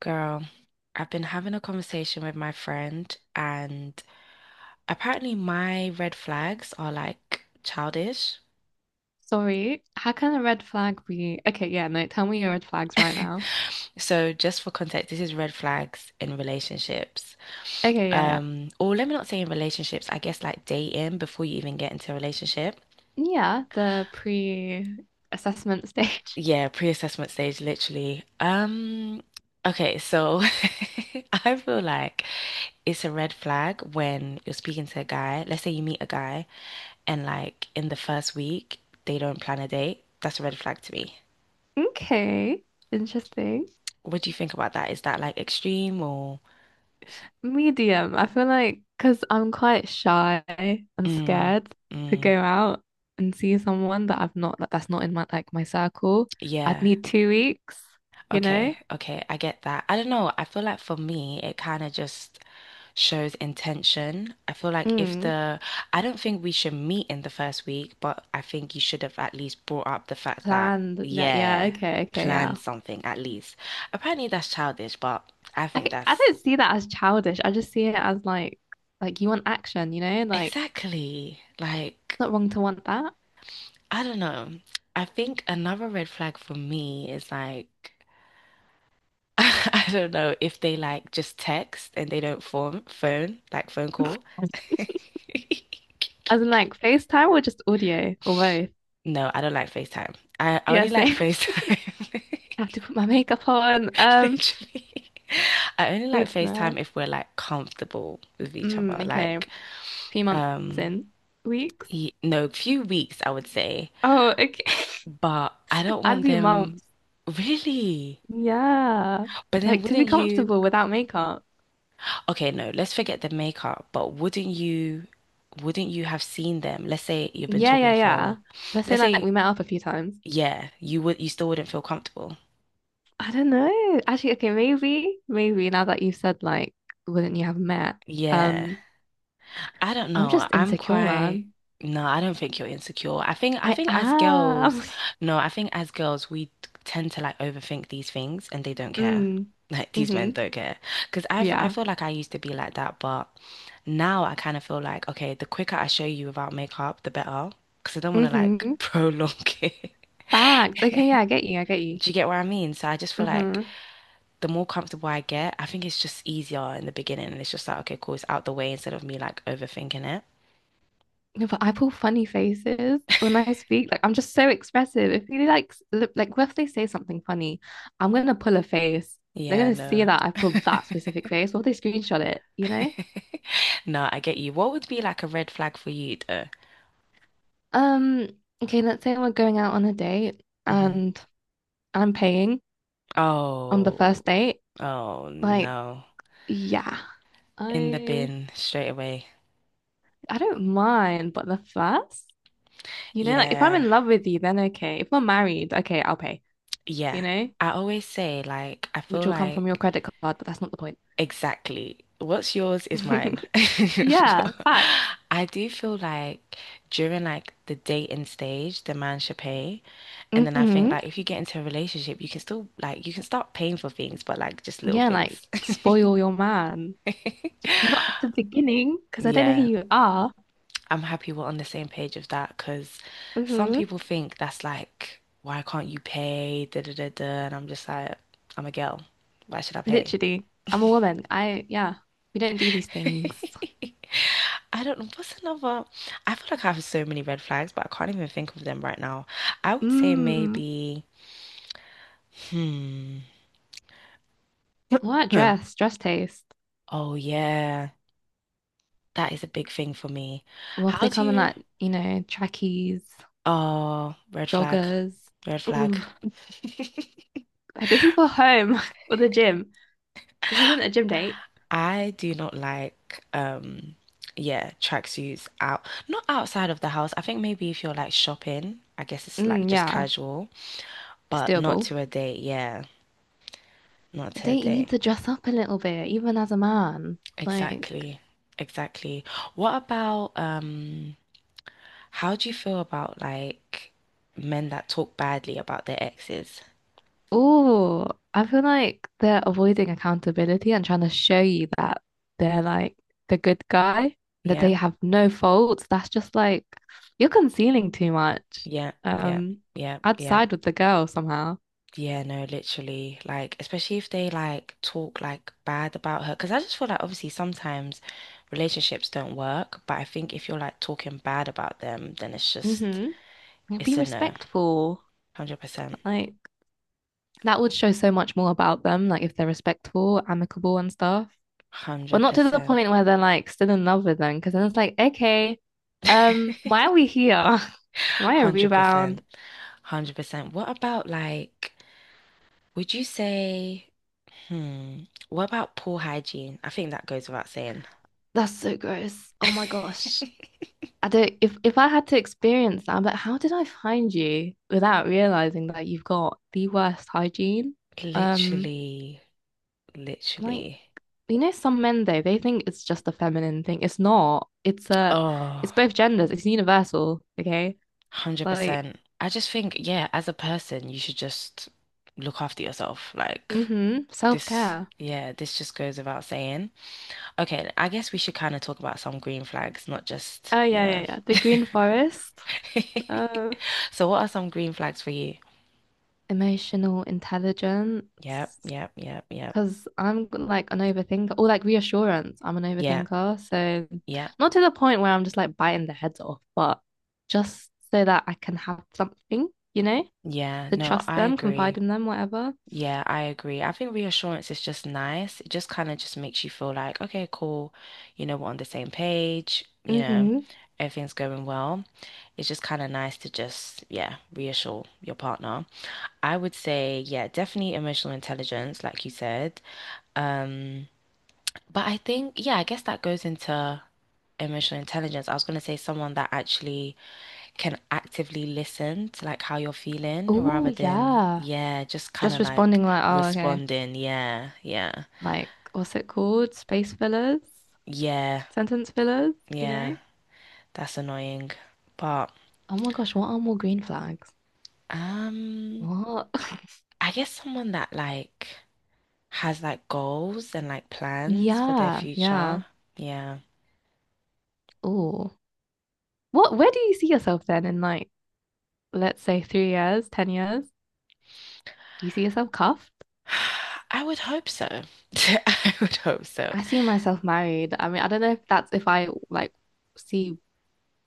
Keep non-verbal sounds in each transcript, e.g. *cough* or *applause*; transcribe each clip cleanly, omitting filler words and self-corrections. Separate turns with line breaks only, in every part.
Girl, I've been having a conversation with my friend, and apparently my red flags are like childish.
Sorry, how can a red flag be? Okay, yeah, no, tell me your red flags right now.
So just for context, this is red flags in relationships.
Okay, yeah, yeah.
Or let me not say in relationships, I guess like dating before you even get into a relationship.
Yeah, the pre-assessment stage. *laughs*
Yeah, pre-assessment stage, literally. Okay, so *laughs* I feel like it's a red flag when you're speaking to a guy. Let's say you meet a guy and like in the first week they don't plan a date, that's a red flag to me.
Okay, interesting.
What do you think about that? Is that like extreme or
Medium. I feel like because I'm quite shy and
mm,
scared to
mm,
go out and see someone that I've not like that's not in my like my circle. I'd
yeah.
need 2 weeks, you
Okay,
know?
okay, I get that. I don't know. I feel like for me, it kind of just shows intention. I feel like if
Mm.
the, I don't think we should meet in the first week, but I think you should have at least brought up the fact that,
Planned. Like, yeah,
yeah,
okay, okay,
plan
yeah.
something at least. Apparently that's childish, but I
I,
think
I
that's
don't see that as childish. I just see it as like you want action, you know? Like it's
exactly like.
not wrong to want that.
I don't know. I think another red flag for me is like *laughs* I don't know if they like just text and they don't form phone call. *laughs*
As in like FaceTime or just audio or both.
No, I don't like FaceTime. I
Yeah,
only like
same. *laughs*
FaceTime.
I have to put my makeup on.
*laughs*
Um,
Literally. I only like
goodness.
FaceTime if we're like comfortable with each other.
Mm, okay. A
Like,
few months
um,
in. Weeks.
no, few weeks I would say.
Oh, okay.
But I
*laughs*
don't
I'd
want
be
them
months.
really.
Yeah.
But then
Like to be
wouldn't you?
comfortable without makeup.
Okay, no, let's forget the makeup, but wouldn't you have seen them? Let's say you've been
Yeah, yeah,
talking
yeah.
for
Let's say
let's
like
say
we met up a few times.
yeah, you would you still wouldn't feel comfortable.
I don't know. Actually, okay, maybe now that you've said like, wouldn't you have met?
Yeah.
Um,
I don't
I'm
know.
just
I'm
insecure,
quite
man.
no, I don't think you're insecure. I think I
I
think as
am.
girls,
*laughs*
no, I think as girls we tend to like overthink these things and they don't care. *laughs*
Mm,
Like these men
mm-hmm.
don't care. Because 'Cause I've I
Yeah.
feel like I used to be like that, but now I kind of feel like okay, the quicker I show you without makeup, the better. Cause I don't want to like
Mm-hmm.
*laughs* prolong it.
Facts. Okay, yeah, I get you. I get you.
Do you get what I mean? So I just feel like
Mm-hmm.
the more comfortable I get, I think it's just easier in the beginning and it's just like okay, cool, it's out the way instead of me like overthinking it.
No, but I pull funny faces when I speak. Like, I'm just so expressive. If you like, look, like, what if they say something funny? I'm gonna pull a face. They're
Yeah,
gonna see
no.
that I pulled that specific face. What if they screenshot it? You know?
*laughs* No, I get you. What would be like a red flag for you though?
Um, okay, let's say we're going out on a date
Hmm.
and I'm paying on the
Oh,
first date.
oh
Like,
no.
yeah,
In the
I
bin straight away.
I don't mind, but the first, you know, like if I'm
Yeah.
in love with you, then okay. If we're married, okay, I'll pay, you
Yeah.
know,
I always say like I feel
which will come from your
like
credit card, but that's not the point.
exactly what's yours is mine.
*laughs*
*laughs*
Yeah,
But
facts.
I do feel like during like the dating stage, the man should pay. And then I think
Hmm.
like if you get into a relationship, you can still like you can start paying for things, but like just little
Yeah, like
things. *laughs*
spoil your man. Just not at the beginning, because I don't know who
Yeah.
you are.
I'm happy we're on the same page of that because some
Hmm.
people think that's like, why can't you pay? Da da da da. And I'm just like, I'm a girl. Why should I pay?
Literally, I'm a woman. Yeah, we don't do these things.
*laughs* I don't know. What's another? I feel like I have so many red flags, but I can't even think of them right now. I would say
Mm,
maybe, hmm.
what
Hmm.
dress? Dress taste.
Oh, yeah. That is a big thing for me.
Well, if
How
they
do
come in
you?
like, trackies,
Oh, red flag.
joggers.
Red
Ooh,
flag. *laughs*
this is for home *laughs* or the gym. This isn't a gym date.
I do not like yeah, tracksuits out not outside of the house. I think maybe if you're like shopping, I guess it's like
Mm,
just
yeah,
casual,
it's
but not
doable.
to a date, yeah. Not
A
to a
date, you need
date.
to dress up a little bit, even as a man. Like,
Exactly. Exactly. What about how do you feel about like men that talk badly about their exes?
oh, I feel like they're avoiding accountability and trying to show you that they're like the good guy, that
Yeah,
they have no faults. That's just like you're concealing too much.
yeah, yeah,
Um,
yeah,
I'd
yeah, yeah.
side with the girl somehow.
Yeah, no, literally. Like, especially if they like talk like bad about her. Because I just feel like obviously sometimes relationships don't work, but I think if you're like talking bad about them, then it's just
Mm-hmm. Be
it's a no.
respectful.
100%.
Like that would show so much more about them, like if they're respectful, amicable and stuff. But not to the
100%.
point where they're like still in love with them, because then it's like, okay, why are
100%.
we here? *laughs* Why a rebound?
100%. *laughs* What about like, would you say, hmm, what about poor hygiene? I think that goes without saying.
That's so gross. Oh my gosh. I
*laughs*
don't if I had to experience that, I'm like, how did I find you without realizing that you've got the worst hygiene? Um,
Literally,
like
literally.
some men though, they think it's just a feminine thing. It's not. It's
Oh,
both genders, it's universal, okay? Like,
100%. I just think, yeah, as a person, you should just look after yourself. Like
mm-hmm,
this,
self-care.
yeah, this just goes without saying. Okay, I guess we should kind of talk about some green flags, not just,
Oh
you
yeah, yeah,
know.
yeah. The Green Forest.
*laughs*
Uh,
So what are some green flags for you?
emotional intelligence.
Yep, yep, yep, yep.
Because I'm like an overthinker or like reassurance. I'm an
Yeah,
overthinker. So,
yeah,
not to the point where I'm just like biting their heads off, but just so that I can have something, you know,
yeah.
to
No,
trust
I
them,
agree.
confide in them, whatever.
Yeah, I agree. I think reassurance is just nice. It just kind of just makes you feel like, okay, cool, you know, we're on the same page, you know,
Mm-hmm.
everything's going well. It's just kind of nice to just, yeah, reassure your partner. I would say, yeah, definitely emotional intelligence, like you said. Um, but I think, yeah, I guess that goes into emotional intelligence. I was going to say someone that actually can actively listen to like how you're feeling
Oh,
rather than,
yeah.
yeah, just kind
Just
of like
responding like, oh, okay.
responding. Yeah, yeah,
Like, what's it called? Space fillers,
yeah,
sentence fillers, you
yeah.
know?
That's annoying. But
Oh my gosh, what are more green flags?
um,
What? *laughs*
I guess someone that like has like goals and like plans for their
Yeah, yeah.
future. Yeah.
Oh. Where do you see yourself then in like let's say 3 years, 10 years, do you see yourself cuffed?
*sighs* I would hope so. *laughs* I would hope so.
I see myself married. I mean, I don't know if that's if I like see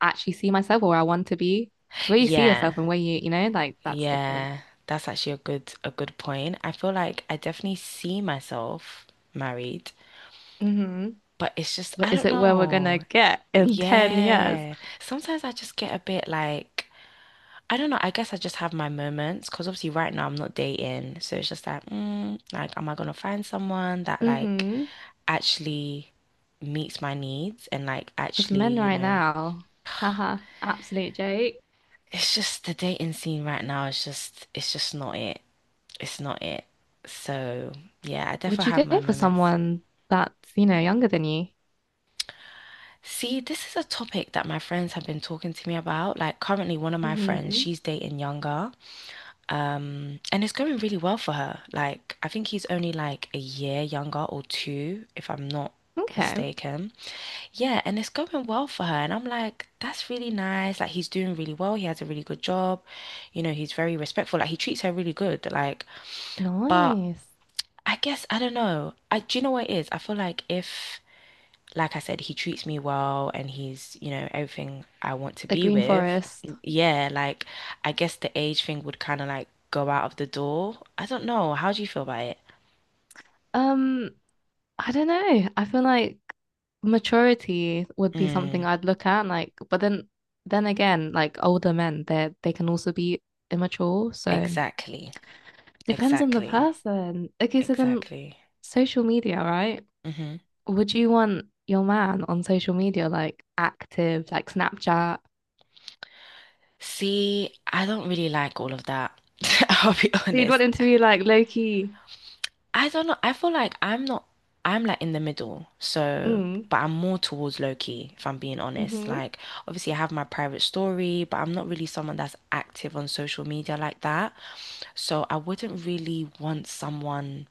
actually see myself or where I want to be. Because where you see
Yeah.
yourself and where you, like that's different.
Yeah. That's actually a good point. I feel like I definitely see myself married.
Hmm.
But it's just,
But
I
is
don't
it where we're gonna
know.
get in 10 years?
Yeah. Sometimes I just get a bit like, I don't know. I guess I just have my moments because obviously right now I'm not dating. So it's just like, mm, like, am I gonna find someone that like
Hmm.
actually meets my needs and like
Because
actually,
men
you
right
know,
now, haha, absolute joke.
it's just the dating scene right now is just, it's just not it. It's not it. So yeah, I
Would
definitely
you
have
go
my
for
moments.
someone that's, younger than you?
See, this is a topic that my friends have been talking to me about. Like currently one of my friends,
Hmm.
she's dating younger. And it's going really well for her. Like I think he's only like a year younger or two, if I'm not
Okay.
mistaken. Yeah, and it's going well for her. And I'm like, that's really nice. Like he's doing really well. He has a really good job. You know, he's very respectful. Like he treats her really good. Like, but
Nice.
I guess I don't know. I do you know what it is? I feel like if like I said, he treats me well and he's, you know, everything I want to
The
be
Green
with.
Forest.
Yeah, like I guess the age thing would kind of like go out of the door. I don't know. How do you feel about it?
Um, I don't know. I feel like maturity would be
Mm,
something I'd look at, like, but then again, like older men, they can also be immature, so
exactly.
depends on the
Exactly.
person. Okay, so then
Exactly.
social media, right?
Hmm.
Would you want your man on social media like active, like Snapchat?
See, I don't really like all of that. *laughs* I'll be
So you'd want
honest.
him to be like low key,
I don't know. I feel like I'm not, I'm like in the middle. So,
mm,
but I'm more towards low key, if I'm being honest.
mm-hmm,
Like, obviously, I have my private story, but I'm not really someone that's active on social media like that. So, I wouldn't really want someone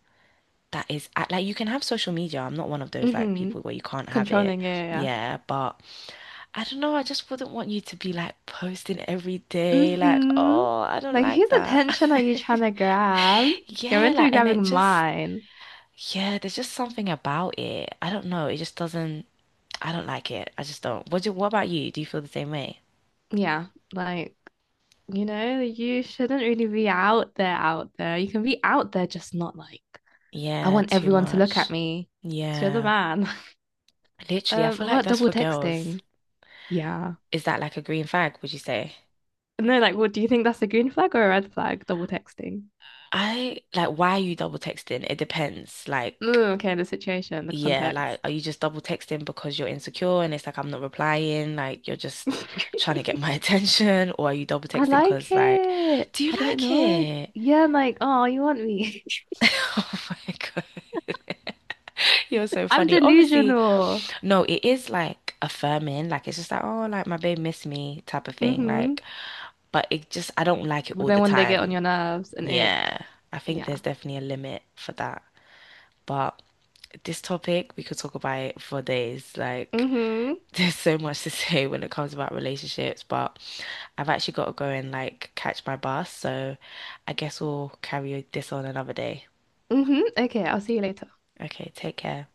that is act- like, you can have social media. I'm not one of those like
mm-hmm,
people where you can't have it.
controlling, yeah, yeah, yeah.
Yeah. But I don't know. I just wouldn't want you to be like posting every day. Like,
Mm-hmm.
oh, I don't
Like,
like
whose
that.
attention are
*laughs*
you trying to grab? You're
Yeah,
meant to
like,
be
and it
grabbing
just,
mine.
yeah, there's just something about it. I don't know. It just doesn't. I don't like it. I just don't. What do, what about you? Do you feel the same way?
Yeah, like, you shouldn't really be out there, out there. You can be out there, just not like, I
Yeah,
want
too
everyone to look
much.
at me because you're the
Yeah.
man. *laughs*
Literally, I
Um,
feel
what
like
about
that's
double
for girls.
texting? Yeah.
Is that like a green flag, would you say?
No, like, what do you think, that's a green flag or a red flag? Double texting.
I like why are you double texting? It depends. Like,
Mm, okay, the situation, the
yeah, like
context.
are you just double texting because you're insecure and it's like I'm not replying, like you're
*laughs* I
just trying to get my *laughs* attention, or are you double texting
like
because like,
it.
do you
I don't
like
know.
it?
Yeah, I'm like, oh, you want me? *laughs*
*laughs* Oh my God. You're so
I'm
funny. Obviously,
delusional.
no, it is like affirming. Like it's just like, oh, like my babe missed me type of thing.
Mm-hmm.
Like, but it just I don't like it all
Then
the
when they get on
time.
your nerves and ick,
Yeah. I think
yeah.
there's definitely a limit for that. But this topic, we could talk about it for days. Like,
Mm-hmm.
*laughs* there's so much to say when it comes about relationships, but I've actually got to go and like catch my bus, so I guess we'll carry this on another day.
Mm-hmm. Okay, I'll see you later.
Okay, take care.